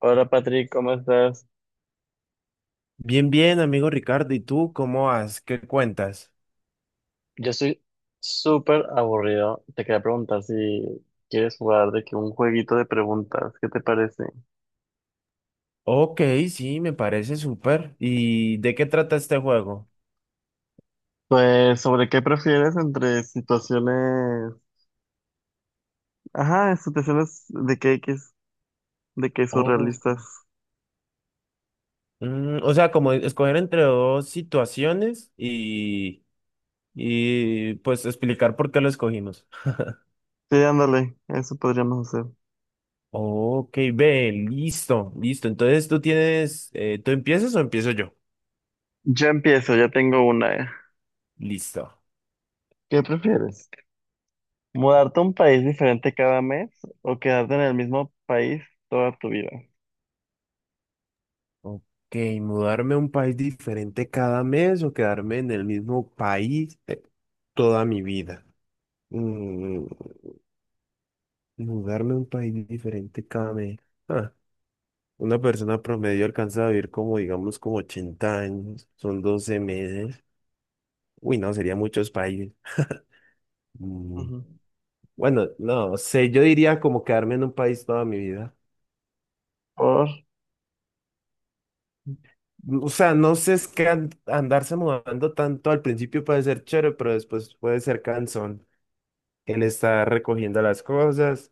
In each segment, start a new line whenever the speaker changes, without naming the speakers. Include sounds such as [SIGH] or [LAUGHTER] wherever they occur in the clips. Hola Patrick, ¿cómo estás?
Bien, bien, amigo Ricardo. ¿Y tú cómo vas? ¿Qué cuentas?
Yo estoy súper aburrido. Te quería preguntar si quieres jugar de que un jueguito de preguntas, ¿qué te parece?
Ok, sí, me parece súper. ¿Y de qué trata este juego?
Pues sobre qué prefieres entre situaciones, ajá, situaciones de que X, de que
Oh,
surrealistas.
mm, o sea, como escoger entre dos situaciones y pues explicar por qué lo escogimos.
Sí, ándale, eso podríamos hacer.
Ok, ve, listo, listo. Entonces ¿tú empiezas o empiezo yo?
Yo empiezo, ya tengo una.
Listo.
¿Qué prefieres? ¿Mudarte a un país diferente cada mes o quedarte en el mismo país toda tu vida?
Ok, mudarme a un país diferente cada mes o quedarme en el mismo país toda mi vida. Mm, Mudarme a un país diferente cada mes. Ah, una persona promedio alcanza a vivir como, digamos, como 80 años. Son 12 meses. Uy, no, sería muchos países. Mm,
Ujú.
Bueno, no sé, yo diría como quedarme en un país toda mi vida.
Por...
O sea, no sé, es que andarse mudando tanto al principio puede ser chévere, pero después puede ser cansón. El estar recogiendo las cosas,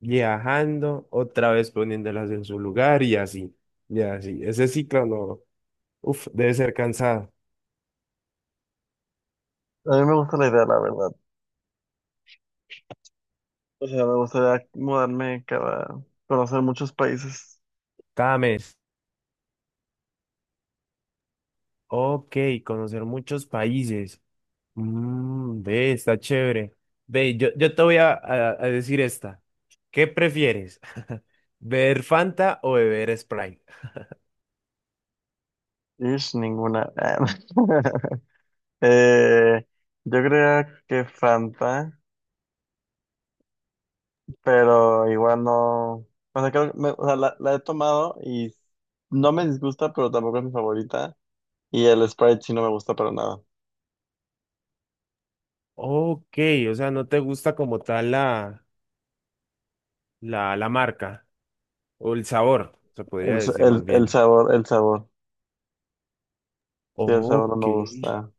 viajando, otra vez poniéndolas en su lugar y así. Y así. Ese ciclo no. Uf, debe ser cansado.
A mí me gusta la idea, la verdad. O sea, me gustaría mudarme cada... conocer muchos países.
Cada mes. Ok, conocer muchos países. Ve, está chévere. Ve, yo te voy a decir esta. ¿Qué prefieres? [LAUGHS] ¿Beber Fanta o beber Sprite?
Ish, ninguna. [LAUGHS] Eh, yo creía que Fanta, pero igual no... O sea, creo que o sea, la he tomado y no me disgusta, pero tampoco es mi favorita. Y el Sprite sí no me gusta para nada.
Ok, o sea, no te gusta como tal la marca o el sabor, se
El,
podría
s-
decir
el,
más
el
bien.
sabor, el sabor. Sí, el sabor no
Ok.
me gusta.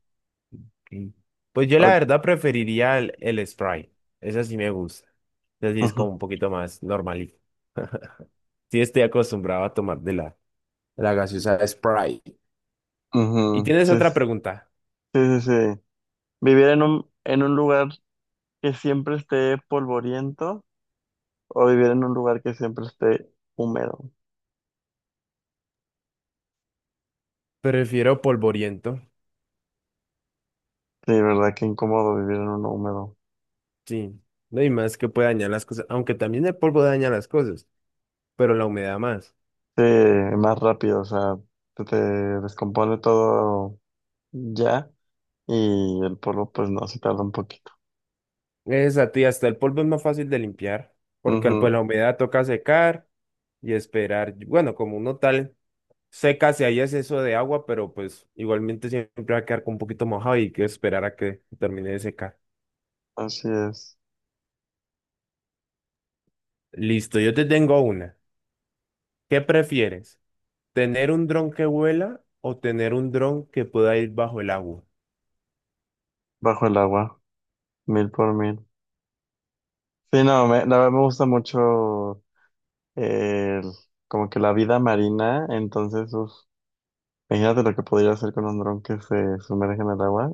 Ok. Pues yo la
Ok.
verdad preferiría el Sprite. Esa sí me gusta. Así es como
Ujú,
un poquito más normalito. [LAUGHS] Sí, estoy acostumbrado a tomar de la gaseosa Sprite. Y
ujú.
tienes
Sí,
otra
sí,
pregunta.
sí, sí. Vivir en un lugar que siempre esté polvoriento. O vivir en un lugar que siempre esté húmedo.
Prefiero polvoriento.
Sí, verdad, qué incómodo vivir en uno húmedo.
Sí. No hay más que puede dañar las cosas. Aunque también el polvo daña las cosas, pero la humedad más.
Sí, más rápido, o sea, se te descompone todo ya y el polvo pues no, se tarda un poquito.
Es a ti, hasta el polvo es más fácil de limpiar, porque pues
Ujú,
la humedad toca secar y esperar. Bueno, como uno tal seca, si hay exceso de agua, pero pues igualmente siempre va a quedar con un poquito mojado y hay que esperar a que termine de secar.
así es,
Listo, yo te tengo una. ¿Qué prefieres? ¿Tener un dron que vuela o tener un dron que pueda ir bajo el agua?
bajo el agua, mil por mil. Sí, no, me, la verdad me gusta mucho el, como que la vida marina, entonces, uf, imagínate lo que podría hacer con un dron que se sumerge en el agua,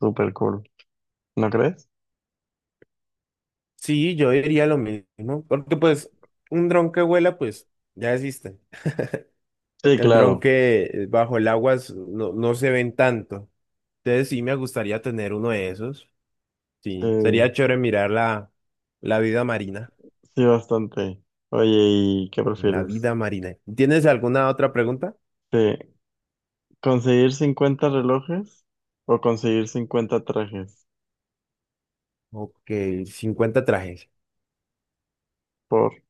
súper cool, ¿no crees?
Sí, yo diría lo mismo, porque pues un dron que vuela pues ya existe.
Sí,
El dron
claro,
que bajo el agua no, no se ven tanto. Entonces sí me gustaría tener uno de esos.
sí.
Sí, sería chévere mirar la vida marina.
Sí, bastante. Oye, ¿y qué
La
prefieres?
vida marina. ¿Tienes alguna otra pregunta?
¿Te- ¿Conseguir 50 relojes o conseguir 50 trajes?
Ok, 50 trajes.
Por...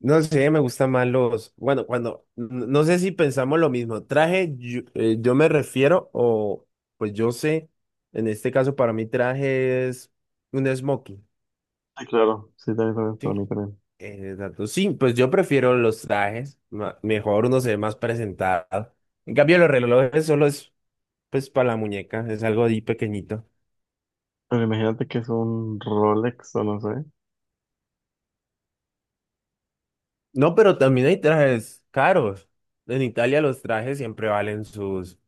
No sé, me gustan más los, bueno, cuando, no sé si pensamos lo mismo, traje, yo me refiero, o pues yo sé, en este caso para mí traje es un smoking,
Sí, claro, sí, también, también, para
¿sí?
mí también.
Exacto, sí, pues yo prefiero los trajes, mejor uno se ve más presentado. En cambio los relojes solo es, pues para la muñeca, es algo ahí pequeñito.
Pero imagínate que es un Rolex o no sé.
No, pero también hay trajes caros. En Italia los trajes siempre valen sus.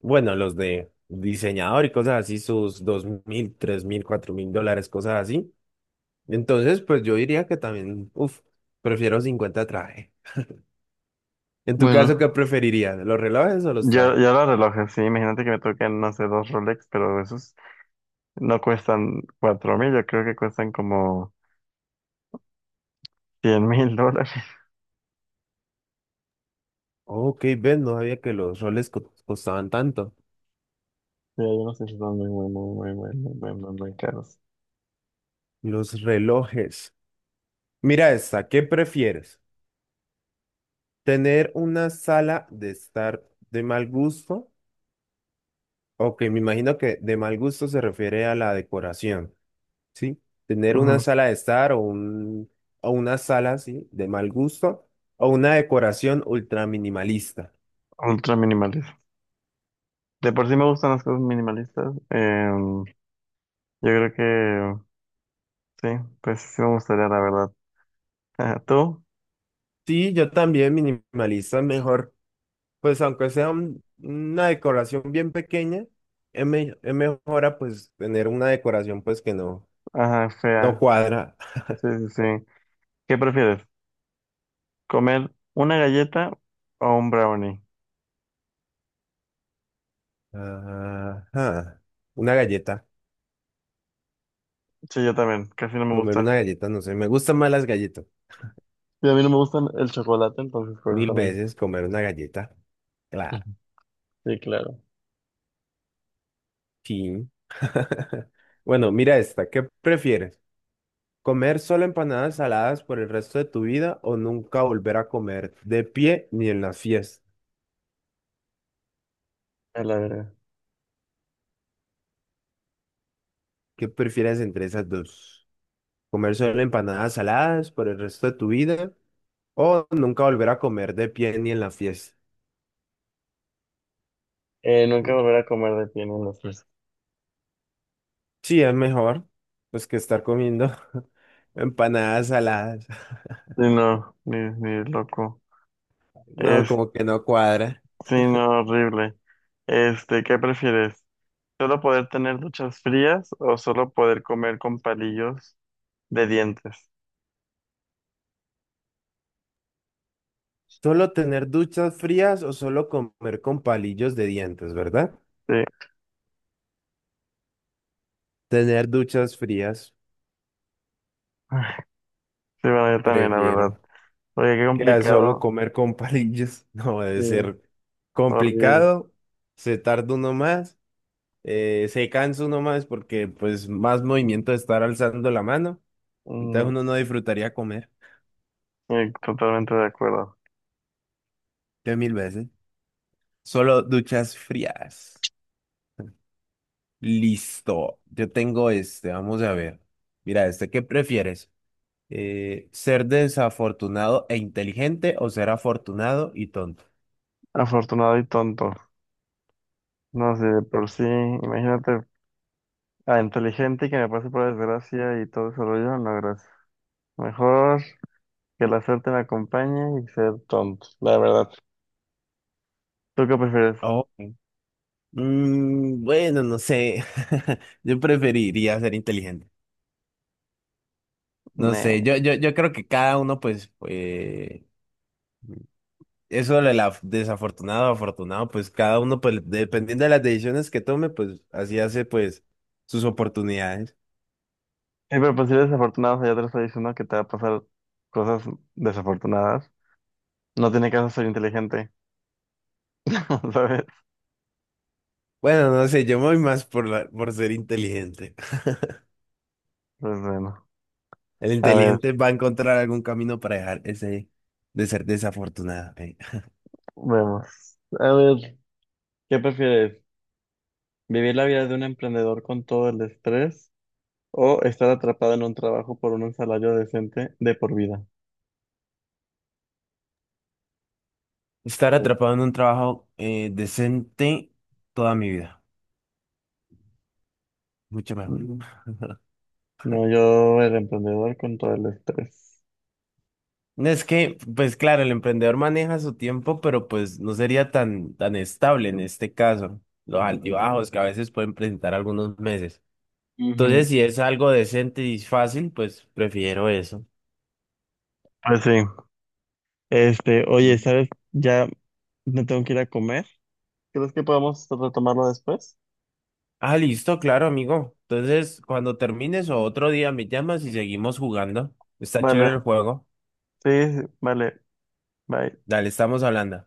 Bueno, los de diseñador y cosas así, sus 2.000, 3.000, 4.000 dólares, cosas así. Entonces, pues yo diría que también, uff, prefiero 50 trajes. En tu caso, ¿qué
Bueno,
preferirías? ¿Los relojes o los
ya,
trajes?
ya los relojes, sí, imagínate que me toquen, no sé, dos Rolex, pero esos no cuestan 4.000, yo creo que cuestan como 100.000 [LAUGHS] dólares.
Ok, ven, no sabía que los roles costaban tanto.
Sí, yo no sé si son muy, muy, muy, muy, muy, muy, muy, muy, caros.
Los relojes. Mira esta, ¿qué prefieres? ¿Tener una sala de estar de mal gusto? Ok, me imagino que de mal gusto se refiere a la decoración. Sí, tener una
Ujú.
sala de estar o una sala así de mal gusto o una decoración ultra minimalista.
Ultra minimales. De por sí me gustan las cosas minimalistas. Yo creo que sí, pues sí me gustaría, la verdad. [LAUGHS] Ajá, ¿tú?
Sí, yo también minimalista es mejor, pues aunque sea una decoración bien pequeña, es mejor a, pues tener una decoración pues que no,
Ajá,
no
fea.
cuadra.
Sí, sí, sí. ¿Qué prefieres? ¿Comer una galleta o un brownie?
Ajá, una galleta,
Sí, yo también. Casi no me
comer
gusta.
una galleta, no sé, me gustan más las galletas,
Y a mí no me gustan el chocolate, entonces por eso
mil
también.
veces comer una galleta,
[LAUGHS]
claro,
Ujú. Sí, claro.
sí. [LAUGHS] Bueno, mira esta, ¿qué prefieres? ¿Comer solo empanadas saladas por el resto de tu vida o nunca volver a comer de pie ni en las fiestas?
A la verga.
¿Qué prefieres entre esas dos? ¿Comer solo empanadas saladas por el resto de tu vida o nunca volver a comer de pie ni en la fiesta?
Nunca volver a comer de pie en las fiestas.
Sí, es mejor pues que estar comiendo [LAUGHS] empanadas saladas. [LAUGHS]
Sí, no, ni, ni loco.
No,
Es,
como que no cuadra.
sí, no, horrible. Este, ¿qué prefieres? ¿Solo poder tener duchas frías o solo poder comer con palillos de dientes?
Solo tener duchas frías o solo comer con palillos de dientes, ¿verdad?
Sí, [SIGHS]
Tener duchas frías,
sí, bueno, yo también, la verdad.
prefiero.
Oye, qué
Que a solo
complicado.
comer con palillos [LAUGHS] no debe
Sí,
ser
horrible.
complicado, se tarda uno más, se cansa uno más porque pues más movimiento de estar alzando la mano, entonces
Mm,
uno no disfrutaría comer
sí, totalmente de acuerdo.
de mil veces. Solo duchas frías. Listo, yo tengo este, vamos a ver. Mira, este, ¿qué prefieres? ¿Ser desafortunado e inteligente o ser afortunado y tonto?
Afortunado y tonto. No sé, de por sí, imagínate, a inteligente y que me pase por desgracia y todo ese rollo, no, gracias. Mejor que la suerte me acompañe y ser tonto, la verdad. ¿Tú qué prefieres?
Oh. Bueno, no sé. [LAUGHS] Yo preferiría ser inteligente. No sé,
Nah.
yo creo que cada uno, pues, eso de la desafortunado o afortunado, pues cada uno, pues, dependiendo de las decisiones que tome, pues, así hace, pues, sus oportunidades.
Pero pues si eres desafortunado, o sea, ya te lo estoy diciendo que te va a pasar cosas desafortunadas. No tiene caso ser inteligente, [LAUGHS] ¿sabes?
Bueno, no sé, yo me voy más por, por ser inteligente. [LAUGHS]
Pues bueno,
El
a ver,
inteligente va a encontrar algún camino para dejar ese de ser desafortunado.
vemos. A ver, ¿qué prefieres? ¿Vivir la vida de un emprendedor con todo el estrés o estar atrapado en un trabajo por un salario decente de por vida?
Estar atrapado en un trabajo decente toda mi vida. Mucho mejor.
Mm, No, yo el emprendedor con todo el estrés.
Es que, pues claro, el emprendedor maneja su tiempo, pero pues no sería tan, tan estable en este caso. Los altibajos que a veces pueden presentar algunos meses.
Ujú.
Entonces, si es algo decente y fácil, pues prefiero eso.
Pues sí. Este, oye,
Y-
¿sabes? Ya me tengo que ir a comer. ¿Crees que podamos retomarlo después?
Listo, claro, amigo. Entonces, cuando termines o otro día me llamas y seguimos jugando. Está chévere
Vale.
el juego.
Sí, sí, vale, bye.
Dale, estamos hablando.